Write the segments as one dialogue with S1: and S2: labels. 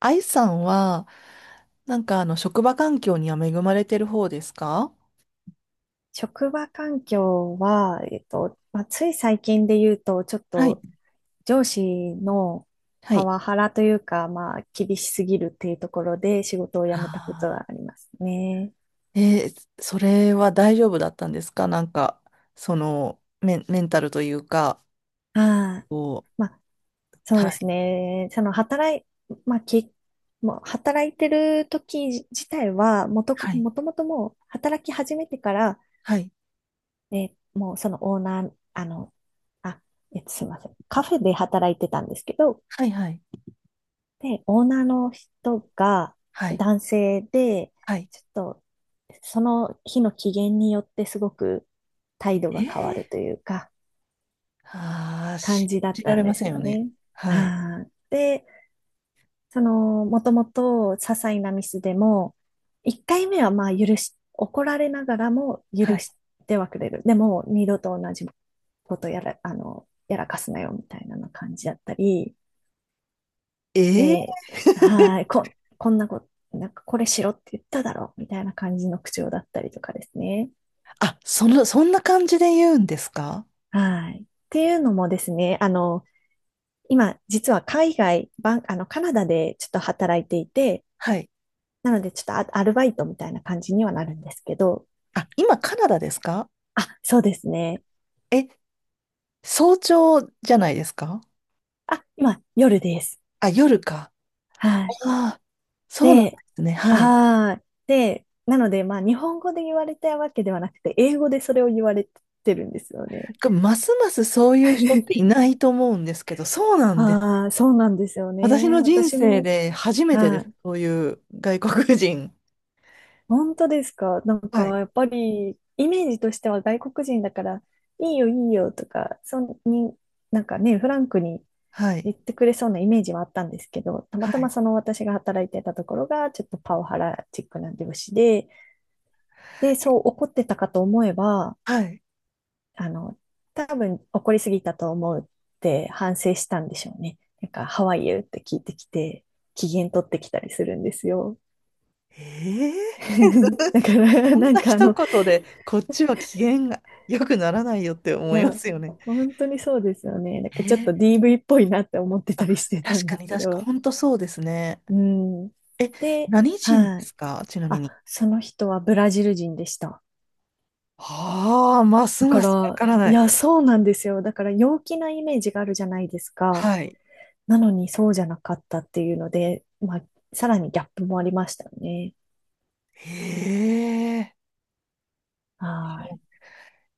S1: 愛さんは、職場環境には恵まれてる方ですか？
S2: 職場環境は、まあ、つい最近で言うと、ちょっ
S1: はい。
S2: と上司の
S1: は
S2: パ
S1: い。
S2: ワハラというか、まあ、厳しすぎるっていうところで仕事を辞めたこと
S1: あ
S2: がありますね。
S1: ー、えー、それは大丈夫だったんですか？なんか、その、メンタルというか、
S2: はい。
S1: こ
S2: まあ、そう
S1: う、は
S2: です
S1: い。
S2: ね。その働い、まあ、もう働いてる時自体は、
S1: はい。
S2: もともと、もう働き始めてから、
S1: はい。
S2: もうそのオーナー、あすいません。カフェで働いてたんですけど、
S1: はい。はい。
S2: で、オーナーの人が
S1: はい。
S2: 男性で、
S1: はい。
S2: ちょっとその日の機嫌によってすごく態度
S1: え
S2: が変わ
S1: え、
S2: るというか、
S1: ああー、
S2: 感
S1: 信
S2: じだっ
S1: じら
S2: た
S1: れ
S2: ん
S1: ま
S2: です
S1: せん
S2: よ
S1: よね。
S2: ね。
S1: はい。
S2: はい。で、その、もともと些細なミスでも、1回目はまあ許し、怒られながらも
S1: は
S2: 許
S1: い。
S2: してはくれる。でも、二度と同じことやらかすなよみたいな感じだったり、
S1: ええ。
S2: で、はい、こんなこと、なんかこれしろって言っただろ、みたいな感じの口調だったりとかですね。
S1: あ、その、そんな感じで言うんですか？
S2: はい。っていうのもですね、今、実は海外、バン、あの、カナダでちょっと働いていて、
S1: はい。
S2: なのでちょっとアルバイトみたいな感じにはなるんですけど、
S1: あ、今カナダですか？
S2: あ、そうですね。
S1: え、早朝じゃないですか？
S2: あ、今、夜です。
S1: あ、夜か。
S2: はい。
S1: ああ、そうなんで
S2: で、
S1: すね。はい。
S2: はい。で、なので、まあ、日本語で言われたわけではなくて、英語でそれを言われてるんですよね。
S1: これますますそういう人ってい ないと思うんですけど、そうなんです。
S2: ああ、そうなんですよ
S1: 私
S2: ね。
S1: の人
S2: 私
S1: 生
S2: も、
S1: で初めてで
S2: は
S1: す。
S2: い。
S1: そういう外国人。
S2: 本当ですか？なん
S1: は
S2: か、
S1: い。
S2: やっぱり、イメージとしては外国人だから、いいよ、いいよとか、そんに、なんかね、フランクに
S1: は
S2: 言
S1: い。
S2: ってくれそうなイメージはあったんですけど、たま
S1: は
S2: たま
S1: い。
S2: その私が働いてたところが、ちょっとパワハラチックな上司で、で、そう怒ってたかと思えば、
S1: はい。
S2: あの、多分怒りすぎたと思うって反省したんでしょうね。なんか、ハワイ y って聞いてきて、機嫌取ってきたりするんですよ。
S1: ええ。
S2: だから、
S1: こん
S2: なん
S1: な
S2: か
S1: 一言で、こっちは機嫌が良くならないよって
S2: い
S1: 思いま
S2: や、
S1: すよね。
S2: 本当にそうですよね。なんかちょっ
S1: え
S2: と
S1: え、
S2: DV っぽいなって思ってた
S1: あ、
S2: りしてた
S1: 確
S2: んで
S1: か
S2: す
S1: に
S2: け
S1: 確か、
S2: ど。
S1: 本当そうですね。
S2: うん。
S1: え、
S2: で、
S1: 何人で
S2: はい。
S1: すか、ちなみ
S2: あ、
S1: に。
S2: その人はブラジル人でした。
S1: はあ、ます
S2: だか
S1: ますわ
S2: ら、
S1: からな
S2: いや、
S1: い。
S2: そうなんですよ。だから陽気なイメージがあるじゃないですか。
S1: はい。
S2: なのにそうじゃなかったっていうので、まあ、さらにギャップもありましたよね。
S1: へえ。
S2: はい。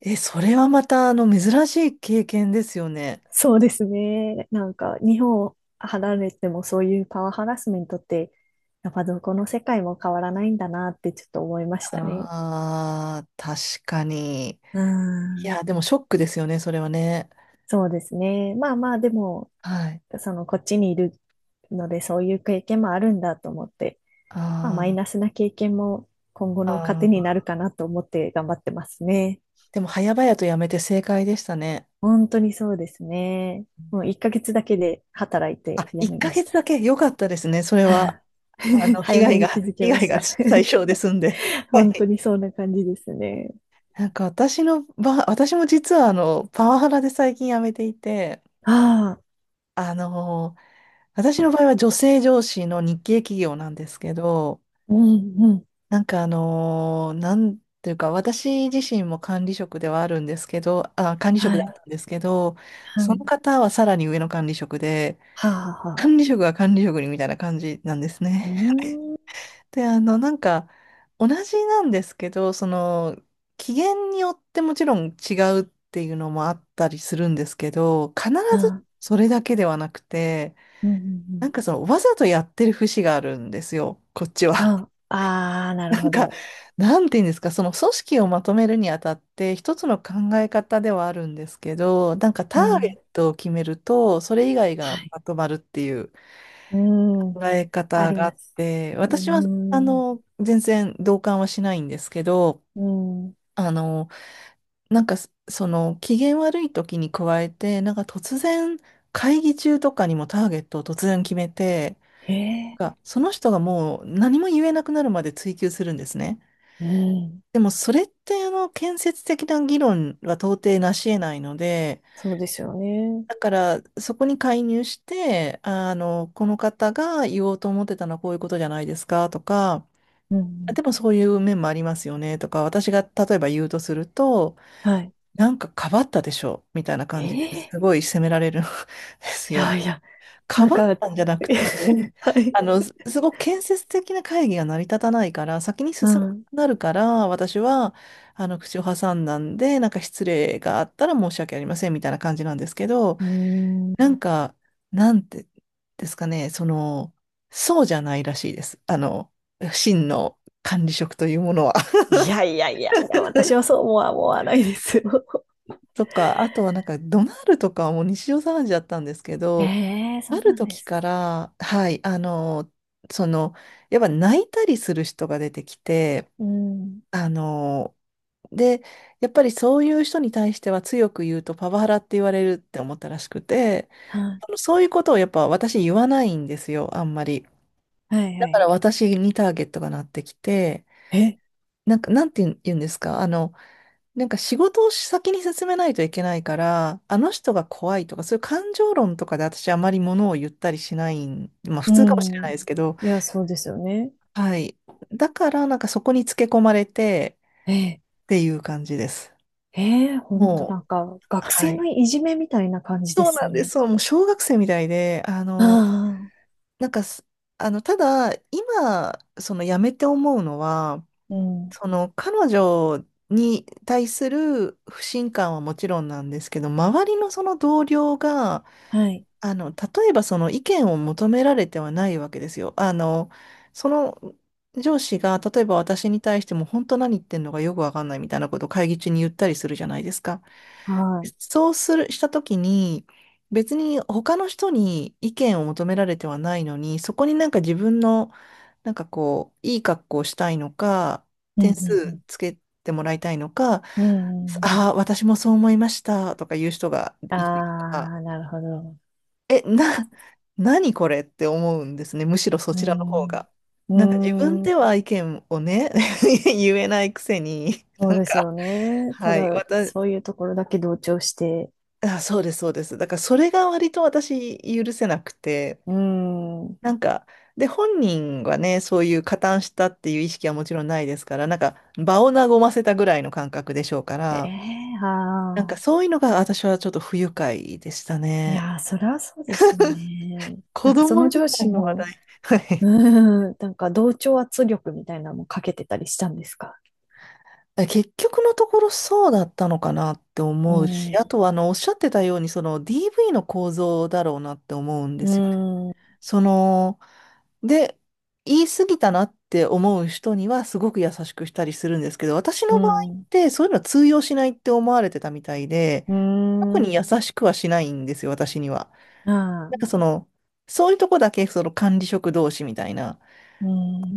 S1: え、それはまた、あの、珍しい経験ですよね。
S2: そうですね。なんか、日本を離れてもそういうパワーハラスメントって、やっぱどこの世界も変わらないんだなってちょっと思いましたね。
S1: ああ、確かに。
S2: う
S1: い
S2: ん。
S1: や、でもショックですよね、それはね。
S2: そうですね。まあまあ、でも、
S1: はい。
S2: その、こっちにいるので、そういう経験もあるんだと思って、まあ、マイ
S1: あ
S2: ナスな経験も今後
S1: ー、
S2: の
S1: あ
S2: 糧にな
S1: ー、
S2: るかなと思って頑張ってますね。
S1: でも、早々とやめて正解でしたね。
S2: 本当にそうですね。もう1ヶ月だけで働いて
S1: あ、
S2: 辞
S1: 1
S2: めまし
S1: ヶ月
S2: た。
S1: だけ良かったですね、それは。
S2: はあ。
S1: あ の、被
S2: 早め
S1: 害が、
S2: に気づき
S1: 被
S2: ま
S1: 害
S2: し
S1: が
S2: た。
S1: 最小で済んで。は
S2: 本当
S1: い。
S2: にそんな感じですね。
S1: なんか私の場合、私も実はあの、パワハラで最近辞めていて、
S2: ああ、
S1: あの、私の場合は女性上司の日系企業なんですけど、
S2: うんうん。
S1: なんていうか、私自身も管理職ではあるんですけど、あ、管理
S2: は
S1: 職だっ
S2: い、
S1: たんですけど、
S2: は
S1: その
S2: い。
S1: 方はさらに上の管理職で、
S2: はあ、はあ、はあ。
S1: 管理職は管理職にみたいな感じなんです
S2: う
S1: ね。
S2: ーん。
S1: で、あの、なんか、同じなんですけど、その、機嫌によってもちろん違うっていうのもあったりするんですけど、必
S2: あ
S1: ず
S2: あ、
S1: それだけではなくて、
S2: うんうんう
S1: な
S2: ん。
S1: んかその、わざとやってる節があるんですよ、こっちは。
S2: は あ、ああ、なる
S1: なん
S2: ほ
S1: か、
S2: ど。
S1: なんて言うんですか、その組織をまとめるにあたって、一つの考え方ではあるんですけど、なんかタ
S2: う
S1: ーゲ
S2: ん。
S1: ットを決めると、それ以外が
S2: はい。
S1: まとまるっていう
S2: うーん。
S1: 考え
S2: あ
S1: 方
S2: り
S1: があ
S2: ま
S1: っ
S2: す。う
S1: て、
S2: ー
S1: 私は、あ
S2: ん。
S1: の、全然同感はしないんですけど、
S2: うん。
S1: あの、なんか、その、機嫌悪い時に加えて、なんか突然、会議中とかにもターゲットを突然決めて、
S2: ええ。
S1: が、その人がもう何も言えなくなるまで追求するんですね。
S2: うん。
S1: でもそれってあの建設的な議論は到底なし得ないので、
S2: そうですよね。
S1: だからそこに介入して、あの、この方が言おうと思ってたのはこういうことじゃないですかとか、
S2: うん。
S1: でもそういう面もありますよねとか、私が例えば言うとすると、
S2: はい。
S1: なんかかばったでしょみたいな
S2: え
S1: 感じで
S2: え。
S1: すごい責められるん で
S2: い
S1: すよ
S2: や
S1: ね。
S2: いや、
S1: か
S2: なん
S1: ばっ
S2: か。
S1: たんじゃなくて、
S2: はい。
S1: あの、すごく建設的な会議が成り立たないから、先に進
S2: う
S1: まなく
S2: ん。
S1: なるから、私は、あの、口を挟んだんで、なんか失礼があったら申し訳ありません、みたいな感じなんですけど、
S2: うーん。
S1: なんか、なんてですかね、その、そうじゃないらしいです。あの、真の管理職というものは。
S2: いやいやいやいや、私はそう思わないですよ。
S1: とか、あとはなんか、ドナルとかはもう日常茶飯事だったんですけど、
S2: ええ、そ
S1: あ
S2: う
S1: る
S2: なんで
S1: 時
S2: す
S1: か
S2: か？
S1: ら、はい、あの、その、やっぱ泣いたりする人が出てきて、
S2: うん。
S1: あの、で、やっぱりそういう人に対しては強く言うとパワハラって言われるって思ったらしくて、
S2: は
S1: あのそういうことをやっぱ私言わないんですよ、あんまり。
S2: い、はいは
S1: だから
S2: い。
S1: 私にターゲットがなってきて、
S2: え、
S1: なんか、なんて言うんですか、あの、なんか仕事を先に進めないといけないから、あの人が怖いとか、そういう感情論とかで私あまりものを言ったりしないん、まあ普
S2: う
S1: 通かもしれな
S2: ん。
S1: いですけど、
S2: いや、そうですよね。
S1: はい。だからなんかそこにつけ込まれて
S2: ええ、
S1: っていう感じです。
S2: ええ、ほんとなん
S1: も
S2: か、
S1: う、
S2: 学
S1: は
S2: 生の
S1: い。
S2: いじめみたいな感じです
S1: なんで、
S2: ね。
S1: そう、もう小学生みたいで、あ
S2: あ
S1: の、
S2: あ、
S1: なんかす、あの、ただ、今、その辞めて思うのは、
S2: うん。
S1: その彼女に対する不信感はもちろんなんですけど、周りのその同僚が、
S2: はい、
S1: あの、例えばその意見を求められてはないわけですよ。あの、その上司が、例えば私に対しても本当何言ってんのかよくわかんないみたいなことを会議中に言ったりするじゃないですか。
S2: はい。
S1: そうする、したときに、別に他の人に意見を求められてはないのに、そこになんか自分の、なんかこう、いい格好をしたいのか、
S2: う
S1: 点数
S2: ん、
S1: つけてもらいたいのか、
S2: うん、うん。うん、うん。
S1: ああ、私もそう思いましたとか言う人が
S2: あ
S1: いたりとか。
S2: あ、なるほど。
S1: え、何これって思うんですね。むしろそ
S2: う
S1: ちらの方
S2: ん。
S1: が。
S2: う
S1: なんか自分
S2: ん、
S1: では意見をね、言えないくせに、
S2: そ
S1: な
S2: う
S1: ん
S2: です
S1: か、
S2: よね。た
S1: はい、
S2: だ、
S1: 私、
S2: そういうところだけ同調して。
S1: あ、そうです、そうです。だからそれが割と私許せなくて、
S2: うん。
S1: なんか、で、本人がね、そういう加担したっていう意識はもちろんないですから、なんか場を和ませたぐらいの感覚でしょうか
S2: え
S1: ら、
S2: え、
S1: なん
S2: あ
S1: か
S2: あ。
S1: そういうのが私はちょっと不愉快でした
S2: い
S1: ね。
S2: やー、そりゃそうですよ ね。な
S1: 子
S2: んかその
S1: 供み
S2: 上
S1: た
S2: 司
S1: いな話
S2: の、
S1: 題。はい。
S2: なんか同調圧力みたいなのもかけてたりしたんですか？
S1: え、結局のところそうだったのかなって
S2: う
S1: 思う
S2: ん、
S1: し、
S2: う
S1: あとはあのおっしゃってたように、その DV の構造だろうなって思うんですよね。
S2: ん、
S1: その、で、言い過ぎたなって思う人にはすごく優しくしたりするんですけど、私
S2: う
S1: の場合
S2: ん、
S1: っ
S2: う
S1: てそういうのは通用しないって思われてたみたいで、特
S2: ん、
S1: に優しくはしないんですよ、私には。
S2: あ
S1: なん
S2: あ、
S1: かその、そういうとこだけその管理職同士みたいな。
S2: う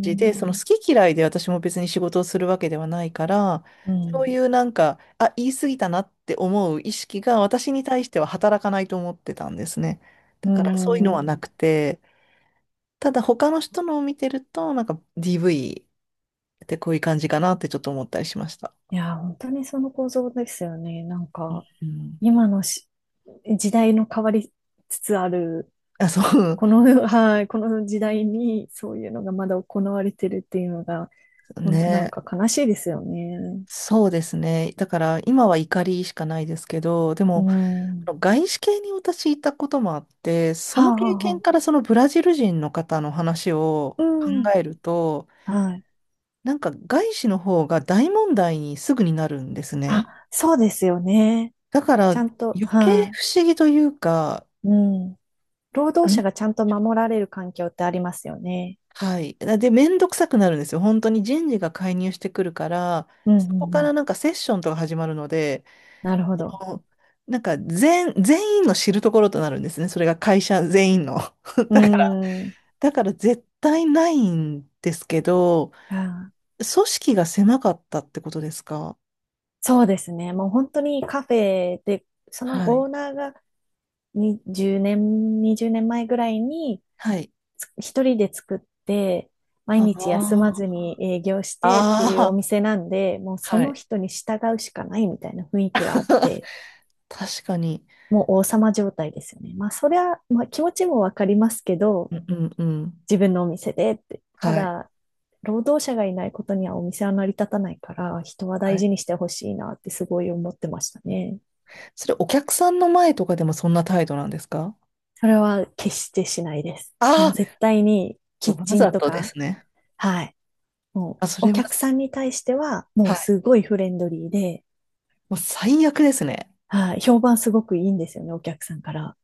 S1: じで、その好き嫌いで私も別に仕事をするわけではないから、
S2: う
S1: そうい
S2: ん、
S1: うなんか、あ、言い過ぎたなって思う意識が私に対しては働かないと思ってたんですね。だ
S2: う
S1: からそういうのは
S2: ん。
S1: なくて、ただ他の人のを見てると、なんか DV ってこういう感じかなってちょっと思ったりしました。
S2: いやー、本当にその構造ですよね。なんか、
S1: うん。
S2: 今の時代の変わりつつある、
S1: あ、そ
S2: はい、この時代にそういうのがまだ行われてるっていうのが、
S1: う。
S2: 本当なん
S1: ね。
S2: か悲しいですよね。
S1: そうですね。だから今は怒りしかないですけど、で
S2: う
S1: も、
S2: ん。
S1: 外資系に私いたこともあって、そ
S2: は
S1: の
S2: あ、はあ、
S1: 経験
S2: は
S1: からそのブラジル人の方の話を
S2: あ。
S1: 考
S2: うん。
S1: えると、
S2: はい。
S1: なんか外資の方が大問題にすぐになるんですね。
S2: あ、そうですよね。
S1: だから
S2: ち
S1: 余
S2: ゃんと、
S1: 計
S2: は
S1: 不思議というか、
S2: い。うん。労働者が
S1: ん、
S2: ちゃんと守られる環境ってありますよね。
S1: はい。で、めんどくさくなるんですよ。本当に人事が介入してくるから、
S2: うん、う
S1: そこ
S2: ん、
S1: か
S2: う
S1: ら
S2: ん。
S1: なんかセッションとか始まるので、
S2: なるほど。
S1: あの、なんか全員の知るところとなるんですね。それが会社全員の。
S2: うー
S1: だ
S2: ん。
S1: だから絶対ないんですけど、
S2: あー、
S1: 組織が狭かったってことですか？
S2: そうですね。もう本当にカフェで、その
S1: はい。
S2: オーナーが20年、20年前ぐらいに、
S1: はい。
S2: 一人で作って、毎
S1: あ
S2: 日休まず
S1: あ。
S2: に営業してっていうお
S1: ああ。
S2: 店なんで、もうそ
S1: は
S2: の
S1: い。
S2: 人に従うしかないみたいな雰囲気はあって、
S1: 確かに。
S2: もう王様状態ですよね。まあ、それはまあ、気持ちもわかりますけど、
S1: うんうんうん。
S2: 自分のお店でって。た
S1: はい。
S2: だ、労働者がいないことにはお店は成り立たないから、人は
S1: は
S2: 大
S1: い。
S2: 事にしてほしいなってすごい思ってましたね。
S1: それお客さんの前とかでもそんな態度なんですか？
S2: それは決してしないです。も
S1: あ
S2: う
S1: あ
S2: 絶
S1: ー、
S2: 対に
S1: そ
S2: キッ
S1: う、わ
S2: チン
S1: ざ
S2: と
S1: とで
S2: か、
S1: すね。
S2: はい、も
S1: あ、そ
S2: う、お
S1: れは、
S2: 客さんに対しては、も
S1: は
S2: う
S1: い。
S2: すごいフレンドリーで、
S1: もう最悪ですね。
S2: はあ、評判すごくいいんですよね、お客さんから。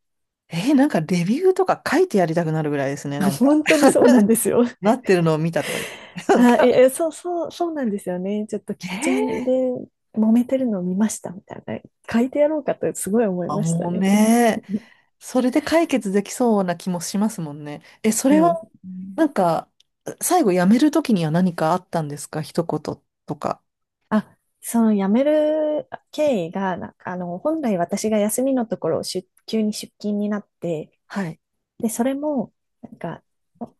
S1: えー、なんかレビューとか書いてやりたくなるぐらいですね、なん か。
S2: 本当にそうなんです よ。
S1: なっ てるのを見たとか言って。なん
S2: はい、
S1: か、
S2: いやそう、そう、そうなんですよね。ちょっと
S1: え
S2: キッチンで
S1: ー、
S2: 揉めてるのを見ました、みたいな。書いてやろうかとすごい思い
S1: あ、
S2: ました
S1: もう
S2: ね。
S1: ね、それで解決できそうな気もしますもんね。え、そ
S2: う
S1: れは、
S2: ん。
S1: なんか、最後辞めるときには何かあったんですか、一言とか。
S2: あ、その辞める経緯が、なんか本来私が休みのところ、急に出勤になって、
S1: はい。
S2: で、それも、なんか、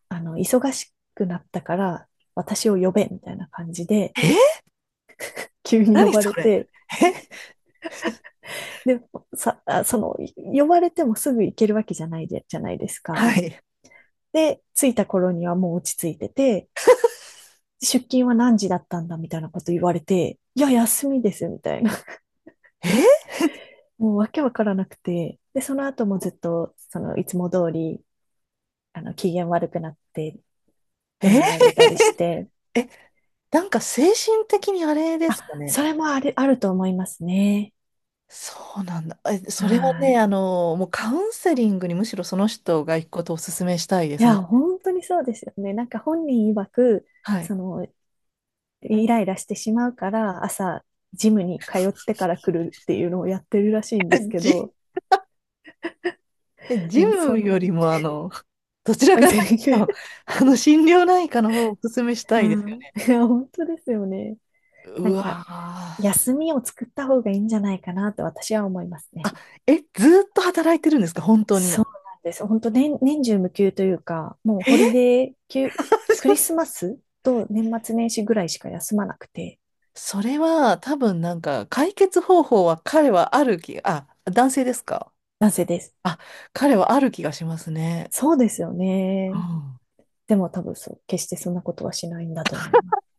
S2: 忙しくなったから、私を呼べ、みたいな感じで、
S1: えー、
S2: 急に呼
S1: 何
S2: ば
S1: そ
S2: れ
S1: れ。
S2: て、
S1: え、
S2: で、さ、あその、呼ばれてもすぐ行けるわけじゃないですか。
S1: はい。
S2: で、着いた頃にはもう落ち着いてて、出勤は何時だったんだみたいなこと言われて、いや、休みです、みたいな。
S1: えー、
S2: もうわけわからなくて。で、その後もずっと、その、いつも通り、機嫌悪くなって、
S1: え
S2: 怒鳴
S1: ー、
S2: られたりして、
S1: え、なんか精神的にあれですか
S2: あ、
S1: ね。
S2: それもあるあると思いますね。
S1: そうなんだ。え、それは
S2: は
S1: ね、
S2: い。
S1: あの、もうカウンセリングにむしろその人が行くことをお勧めしたいで
S2: い
S1: すね。
S2: や、本当にそうですよね。なんか本人曰く、
S1: はい。
S2: その、イライラしてしまうから、朝、ジムに通ってから来るっていうのをやってるらしいん ですけ
S1: 人
S2: ど、
S1: でジ
S2: うん、
S1: ムよりも、あの、どちら
S2: カウン
S1: か
S2: セ
S1: という
S2: リング。
S1: と、あの、心療内科の方をお勧めした
S2: う
S1: いですよ
S2: ん。
S1: ね。
S2: いや、本当ですよね。
S1: う
S2: なん
S1: わ
S2: か、
S1: ー。
S2: 休みを作った方がいいんじゃないかなと私は思いますね。
S1: あ、え、ずーっと働いてるんですか、本当
S2: そう
S1: に。
S2: なんです。本当年中無休というか、もうホリ
S1: え、
S2: デー休、クリスマ スと年末年始ぐらいしか休まなくて、
S1: それは、多分なんか、解決方法は彼はある気、あ、男性ですか？
S2: なぜです。
S1: あ、彼はある気がしますね。
S2: そうですよ
S1: う
S2: ね。
S1: ん。
S2: でも多分決してそんなことはしないんだと思います。